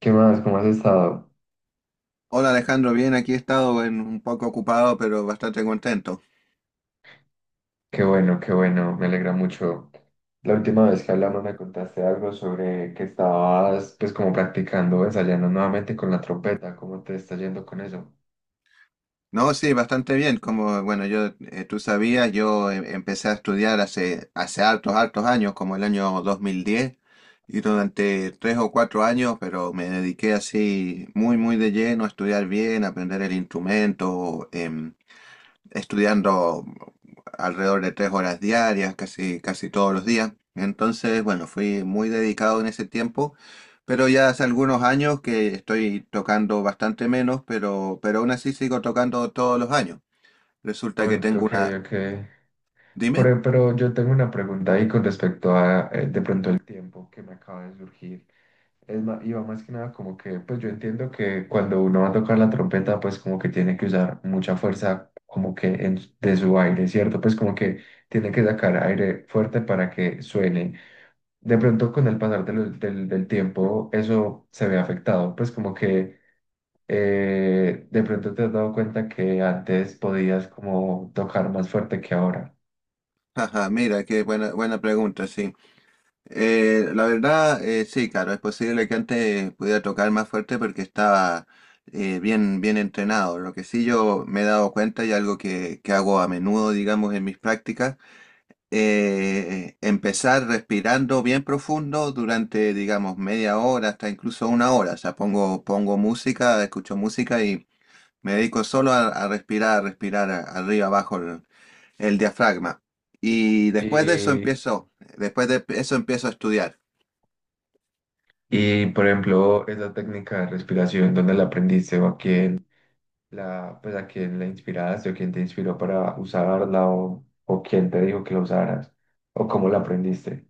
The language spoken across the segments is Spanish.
¿Qué más? ¿Cómo has estado? Hola Alejandro, bien, aquí he estado un poco ocupado, pero bastante contento. Qué bueno, me alegra mucho. La última vez que hablamos me contaste algo sobre que estabas pues como practicando, ensayando nuevamente con la trompeta, ¿cómo te está yendo con eso? No, sí, bastante bien. Como, bueno, yo, tú sabías, yo empecé a estudiar hace hartos, hartos años, como el año 2010, y durante 3 o 4 años, pero me dediqué así muy, muy de lleno a estudiar bien, a aprender el instrumento, estudiando alrededor de 3 horas diarias, casi, casi todos los días. Entonces, bueno, fui muy dedicado en ese tiempo, pero ya hace algunos años que estoy tocando bastante menos, pero aún así sigo tocando todos los años. Resulta Oh, que tengo ok, una... ok. Dime. Pero yo tengo una pregunta ahí con respecto a de pronto el tiempo que me acaba de surgir. Es más, iba más que nada como que, pues yo entiendo que cuando uno va a tocar la trompeta, pues como que tiene que usar mucha fuerza como que en, de su aire, ¿cierto? Pues como que tiene que sacar aire fuerte para que suene. De pronto con el pasar de del tiempo eso se ve afectado, pues como que de pronto te has dado cuenta que antes podías como tocar más fuerte que ahora. Ajá, mira, qué buena, buena pregunta, sí. La verdad, sí, claro, es posible que antes pudiera tocar más fuerte porque estaba bien, bien entrenado. Lo que sí yo me he dado cuenta y algo que hago a menudo, digamos, en mis prácticas, empezar respirando bien profundo durante, digamos, media hora hasta incluso 1 hora. O sea, pongo, pongo música, escucho música y me dedico solo a respirar arriba, abajo el diafragma. Y después de eso Y, empiezo, después de eso empiezo a estudiar. y por ejemplo, esa técnica de respiración, ¿dónde la aprendiste o a quién? La, pues a quién la inspiraste o quién te inspiró para usarla o quién te dijo que la usaras o cómo la aprendiste.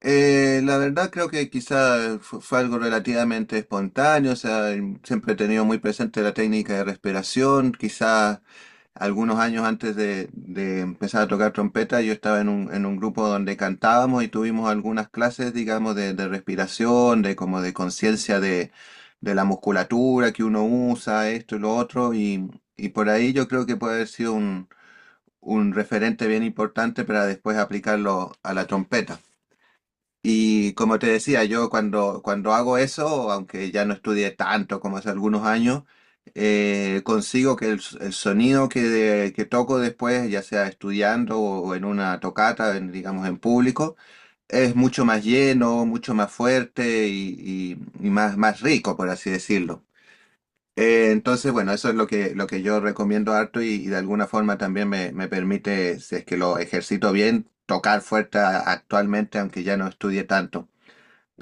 La verdad creo que quizá fue algo relativamente espontáneo, o sea, siempre he tenido muy presente la técnica de respiración, quizá algunos años antes de empezar a tocar trompeta yo estaba en un grupo donde cantábamos y tuvimos algunas clases, digamos, de respiración, de como de conciencia de la musculatura que uno usa, esto y lo otro, y por ahí yo creo que puede haber sido un referente bien importante para después aplicarlo a la trompeta. Y como te decía, yo cuando, cuando hago eso, aunque ya no estudié tanto como hace algunos años, consigo que el, el sonido que toco después, ya sea estudiando o en una tocata, digamos en público, es mucho más lleno, mucho más fuerte y, y más, más rico, por así decirlo. Entonces, bueno, eso es lo que yo recomiendo harto y de alguna forma también me permite, si es que lo ejercito bien, tocar fuerte actualmente, aunque ya no estudie tanto.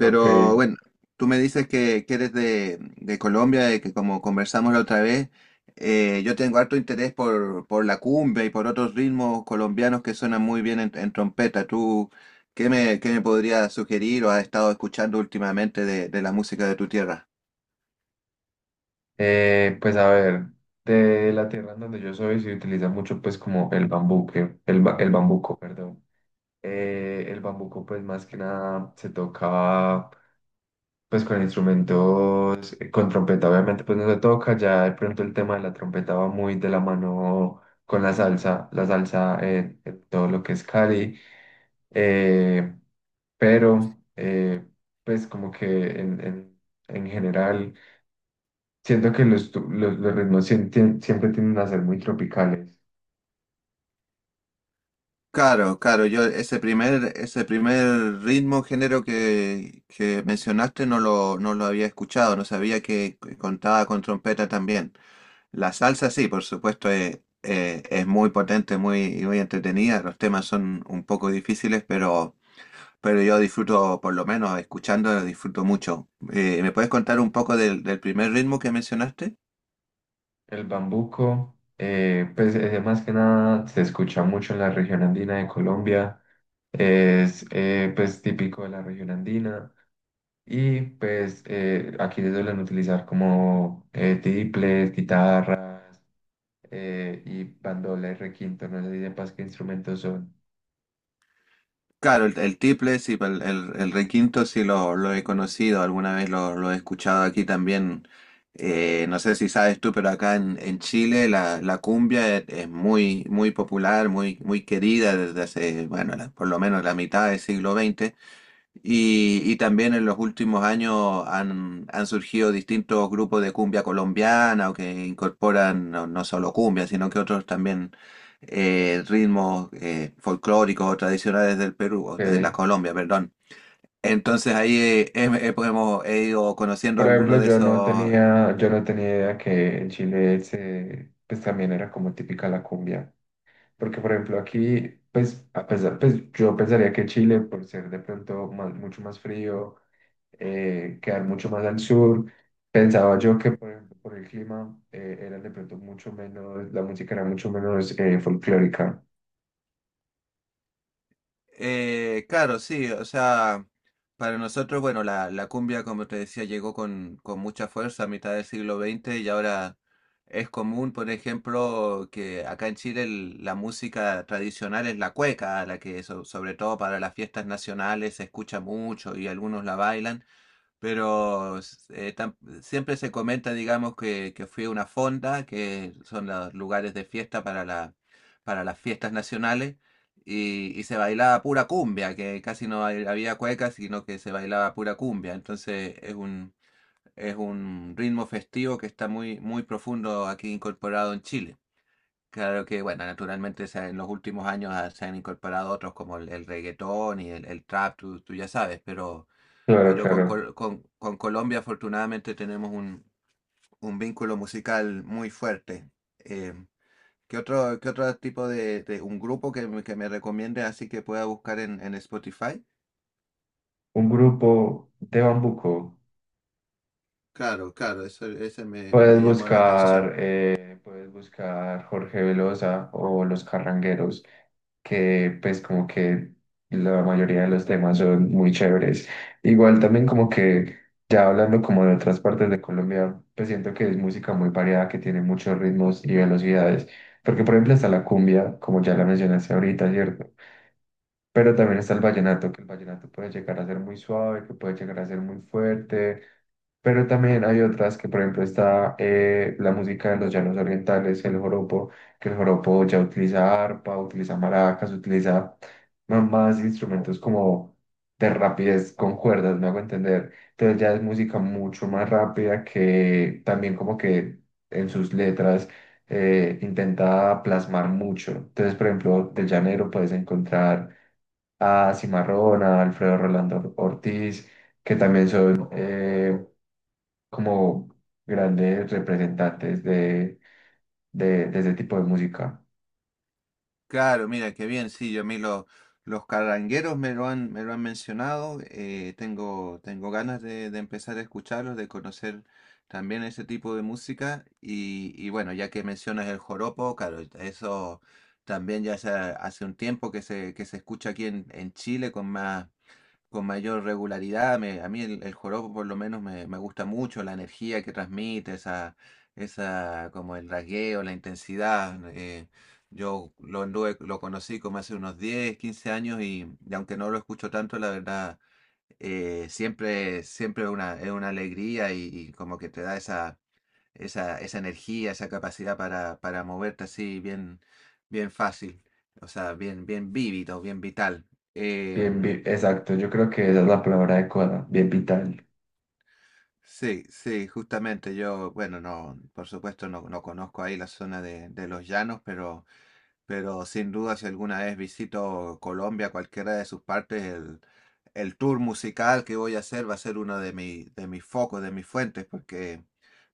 Ok, bueno, tú me dices que eres de Colombia y que como conversamos la otra vez, yo tengo harto interés por la cumbia y por otros ritmos colombianos que suenan muy bien en trompeta. ¿Tú qué me podrías sugerir o has estado escuchando últimamente de la música de tu tierra? Pues a ver, de la tierra en donde yo soy se utiliza mucho pues como el bambú, el bambuco, perdón. El bambuco pues más que nada se toca pues con instrumentos, con trompeta, obviamente pues no se toca, ya de pronto el tema de la trompeta va muy de la mano con la salsa en todo lo que es Cali, eh, pero eh, pues como que en, en, en general siento que los ritmos siempre tienden a ser muy tropicales. Claro, claro, yo ese primer ritmo, género que mencionaste no lo, no lo había escuchado, no sabía que contaba con trompeta también. La salsa, sí, por supuesto, es muy potente, muy, muy entretenida. Los temas son un poco difíciles, pero yo disfruto, por lo menos escuchándolo, disfruto mucho. ¿Me puedes contar un poco del, del primer ritmo que mencionaste? El bambuco, pues ese más que nada se escucha mucho en la región andina de Colombia. Es pues típico de la región andina y pues aquí se suelen utilizar como tiples, guitarras y bandola y requinto, no sé si sepas qué instrumentos son. Claro, el tiple, sí, el requinto sí lo he conocido, alguna vez lo he escuchado aquí también. No sé si sabes tú, pero acá en Chile la, la cumbia es muy, muy popular, muy, muy querida desde hace, bueno, por lo menos la mitad del siglo XX. Y también en los últimos años han, han surgido distintos grupos de cumbia colombiana o que incorporan no, no solo cumbia, sino que otros también ritmos folclóricos o tradicionales del Perú, o de la Eh, Colombia, perdón. Entonces ahí hemos he ido conociendo por algunos ejemplo, de esos. Yo no tenía idea que en Chile se, pues también era como típica la cumbia, porque por ejemplo aquí pues a pesar, pues yo pensaría que Chile por ser de pronto mucho más frío, quedar mucho más al sur. Pensaba yo que, por ejemplo, por el clima, era de pronto mucho menos, la música era mucho menos folclórica. Claro, sí, o sea, para nosotros, bueno, la cumbia, como te decía, llegó con mucha fuerza a mitad del siglo XX y ahora es común, por ejemplo, que acá en Chile la música tradicional es la cueca, la que sobre todo para las fiestas nacionales se escucha mucho y algunos la bailan, pero siempre se comenta, digamos, que fue una fonda, que son los lugares de fiesta para la, para las fiestas nacionales y se bailaba pura cumbia, que casi no había cueca, sino que se bailaba pura cumbia. Entonces es un ritmo festivo que está muy, muy profundo aquí incorporado en Chile. Claro que, bueno, naturalmente en los últimos años se han incorporado otros como el reggaetón y el trap, tú ya sabes, Claro, pero con, claro. Con Colombia afortunadamente tenemos un vínculo musical muy fuerte. Eh, qué otro tipo de un grupo que, que me recomiende así que pueda buscar en Spotify? Un grupo de bambuco. Claro, claro, eso, ese me, me llamó la atención. Puedes buscar Jorge Velosa o Los Carrangueros, que pues como que la mayoría de los temas son muy chéveres. Igual también como que ya hablando como de otras partes de Colombia, pues siento que es música muy variada, que tiene muchos ritmos y velocidades. Porque por ejemplo está la cumbia, como ya la mencionaste ahorita, ¿cierto? Pero también está el vallenato, que el vallenato puede llegar a ser muy suave, que puede llegar a ser muy fuerte. Pero también hay otras que, por ejemplo, está la música de los llanos orientales, el joropo, que el joropo ya utiliza arpa, utiliza maracas, utiliza más instrumentos como de rapidez con cuerdas, me hago entender. Entonces ya es música mucho más rápida que también como que en sus letras intenta plasmar mucho. Entonces, por ejemplo, del Llanero puedes encontrar a Cimarrón, a Alfredo Rolando Ortiz, que también son como grandes representantes de, de ese tipo de música. Claro, mira, qué bien, sí, yo a mí los carrangueros me lo han mencionado, tengo, tengo ganas de empezar a escucharlos, de conocer también ese tipo de música y bueno, ya que mencionas el joropo, claro, eso también ya hace, hace un tiempo que se escucha aquí en Chile con más con mayor regularidad. A mí el joropo por lo menos me, me gusta mucho, la energía que transmite, esa como el rasgueo, la intensidad. Yo lo, lo conocí como hace unos 10 15 años y aunque no lo escucho tanto, la verdad, siempre, siempre es una alegría y como que te da esa, esa, esa energía, esa capacidad para moverte así bien, bien fácil. O sea, bien, bien vívido, bien vital. Bien, Em, exacto, yo creo que esa es la palabra adecuada, bien vital. Sí, sí, justamente yo, bueno, no, por supuesto no, no conozco ahí la zona de los llanos, pero sin duda si alguna vez visito Colombia, cualquiera de sus partes, el tour musical que voy a hacer va a ser uno de mi, de mis focos, de mis fuentes, porque,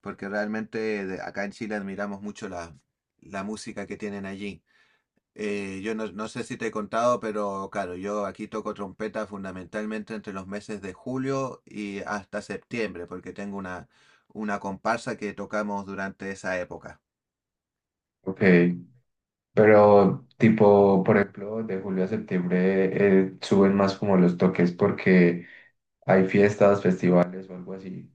porque realmente acá en Chile admiramos mucho la, la música que tienen allí. Yo no, no sé si te he contado, pero claro, yo aquí toco trompeta fundamentalmente entre los meses de julio y hasta septiembre, porque tengo una comparsa que tocamos durante esa época. Ok, pero tipo, por ejemplo, de julio a septiembre suben más como los toques porque hay fiestas, festivales o algo así.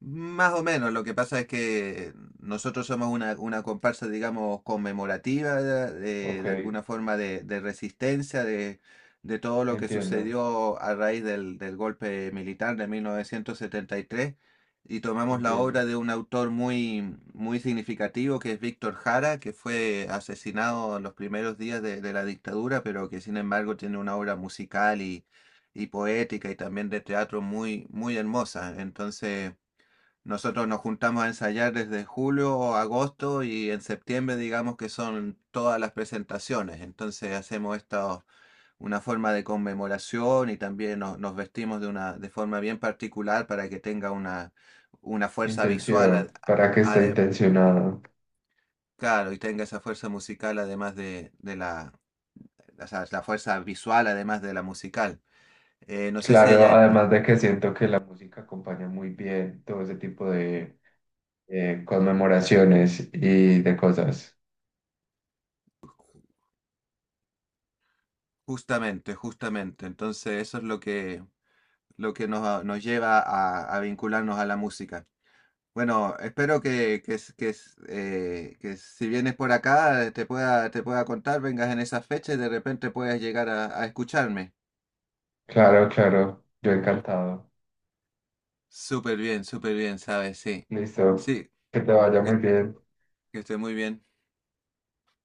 Más o menos, lo que pasa es que nosotros somos una comparsa, digamos, conmemorativa Ok, de alguna forma de resistencia de todo lo que entiendo, sucedió a raíz del, del golpe militar de 1973 y tres, y tomamos la entiendo. obra de un autor muy, muy significativo que es Víctor Jara, que fue asesinado en los primeros días de la dictadura, pero que sin embargo tiene una obra musical y poética y también de teatro muy, muy hermosa. Entonces... Nosotros nos juntamos a ensayar desde julio o agosto y en septiembre digamos que son todas las presentaciones. Entonces hacemos esta una forma de conmemoración y también nos, nos vestimos de una de forma bien particular para que tenga una fuerza visual, Intención, para que esté ade- intencionado. claro, y tenga esa fuerza musical además de la, o sea, la fuerza visual además de la musical. No sé si Claro, allá en, además de que siento que la música acompaña muy bien todo ese tipo de conmemoraciones y de cosas. justamente, justamente, entonces eso es lo que nos, nos lleva a vincularnos a la música. Bueno, espero que, que si vienes por acá te pueda contar, vengas en esa fecha y de repente puedas llegar a escucharme. Claro, claro, yo encantado. Súper bien, ¿sabes? Sí, Listo, sí, que te vaya muy que, bien. que esté muy bien.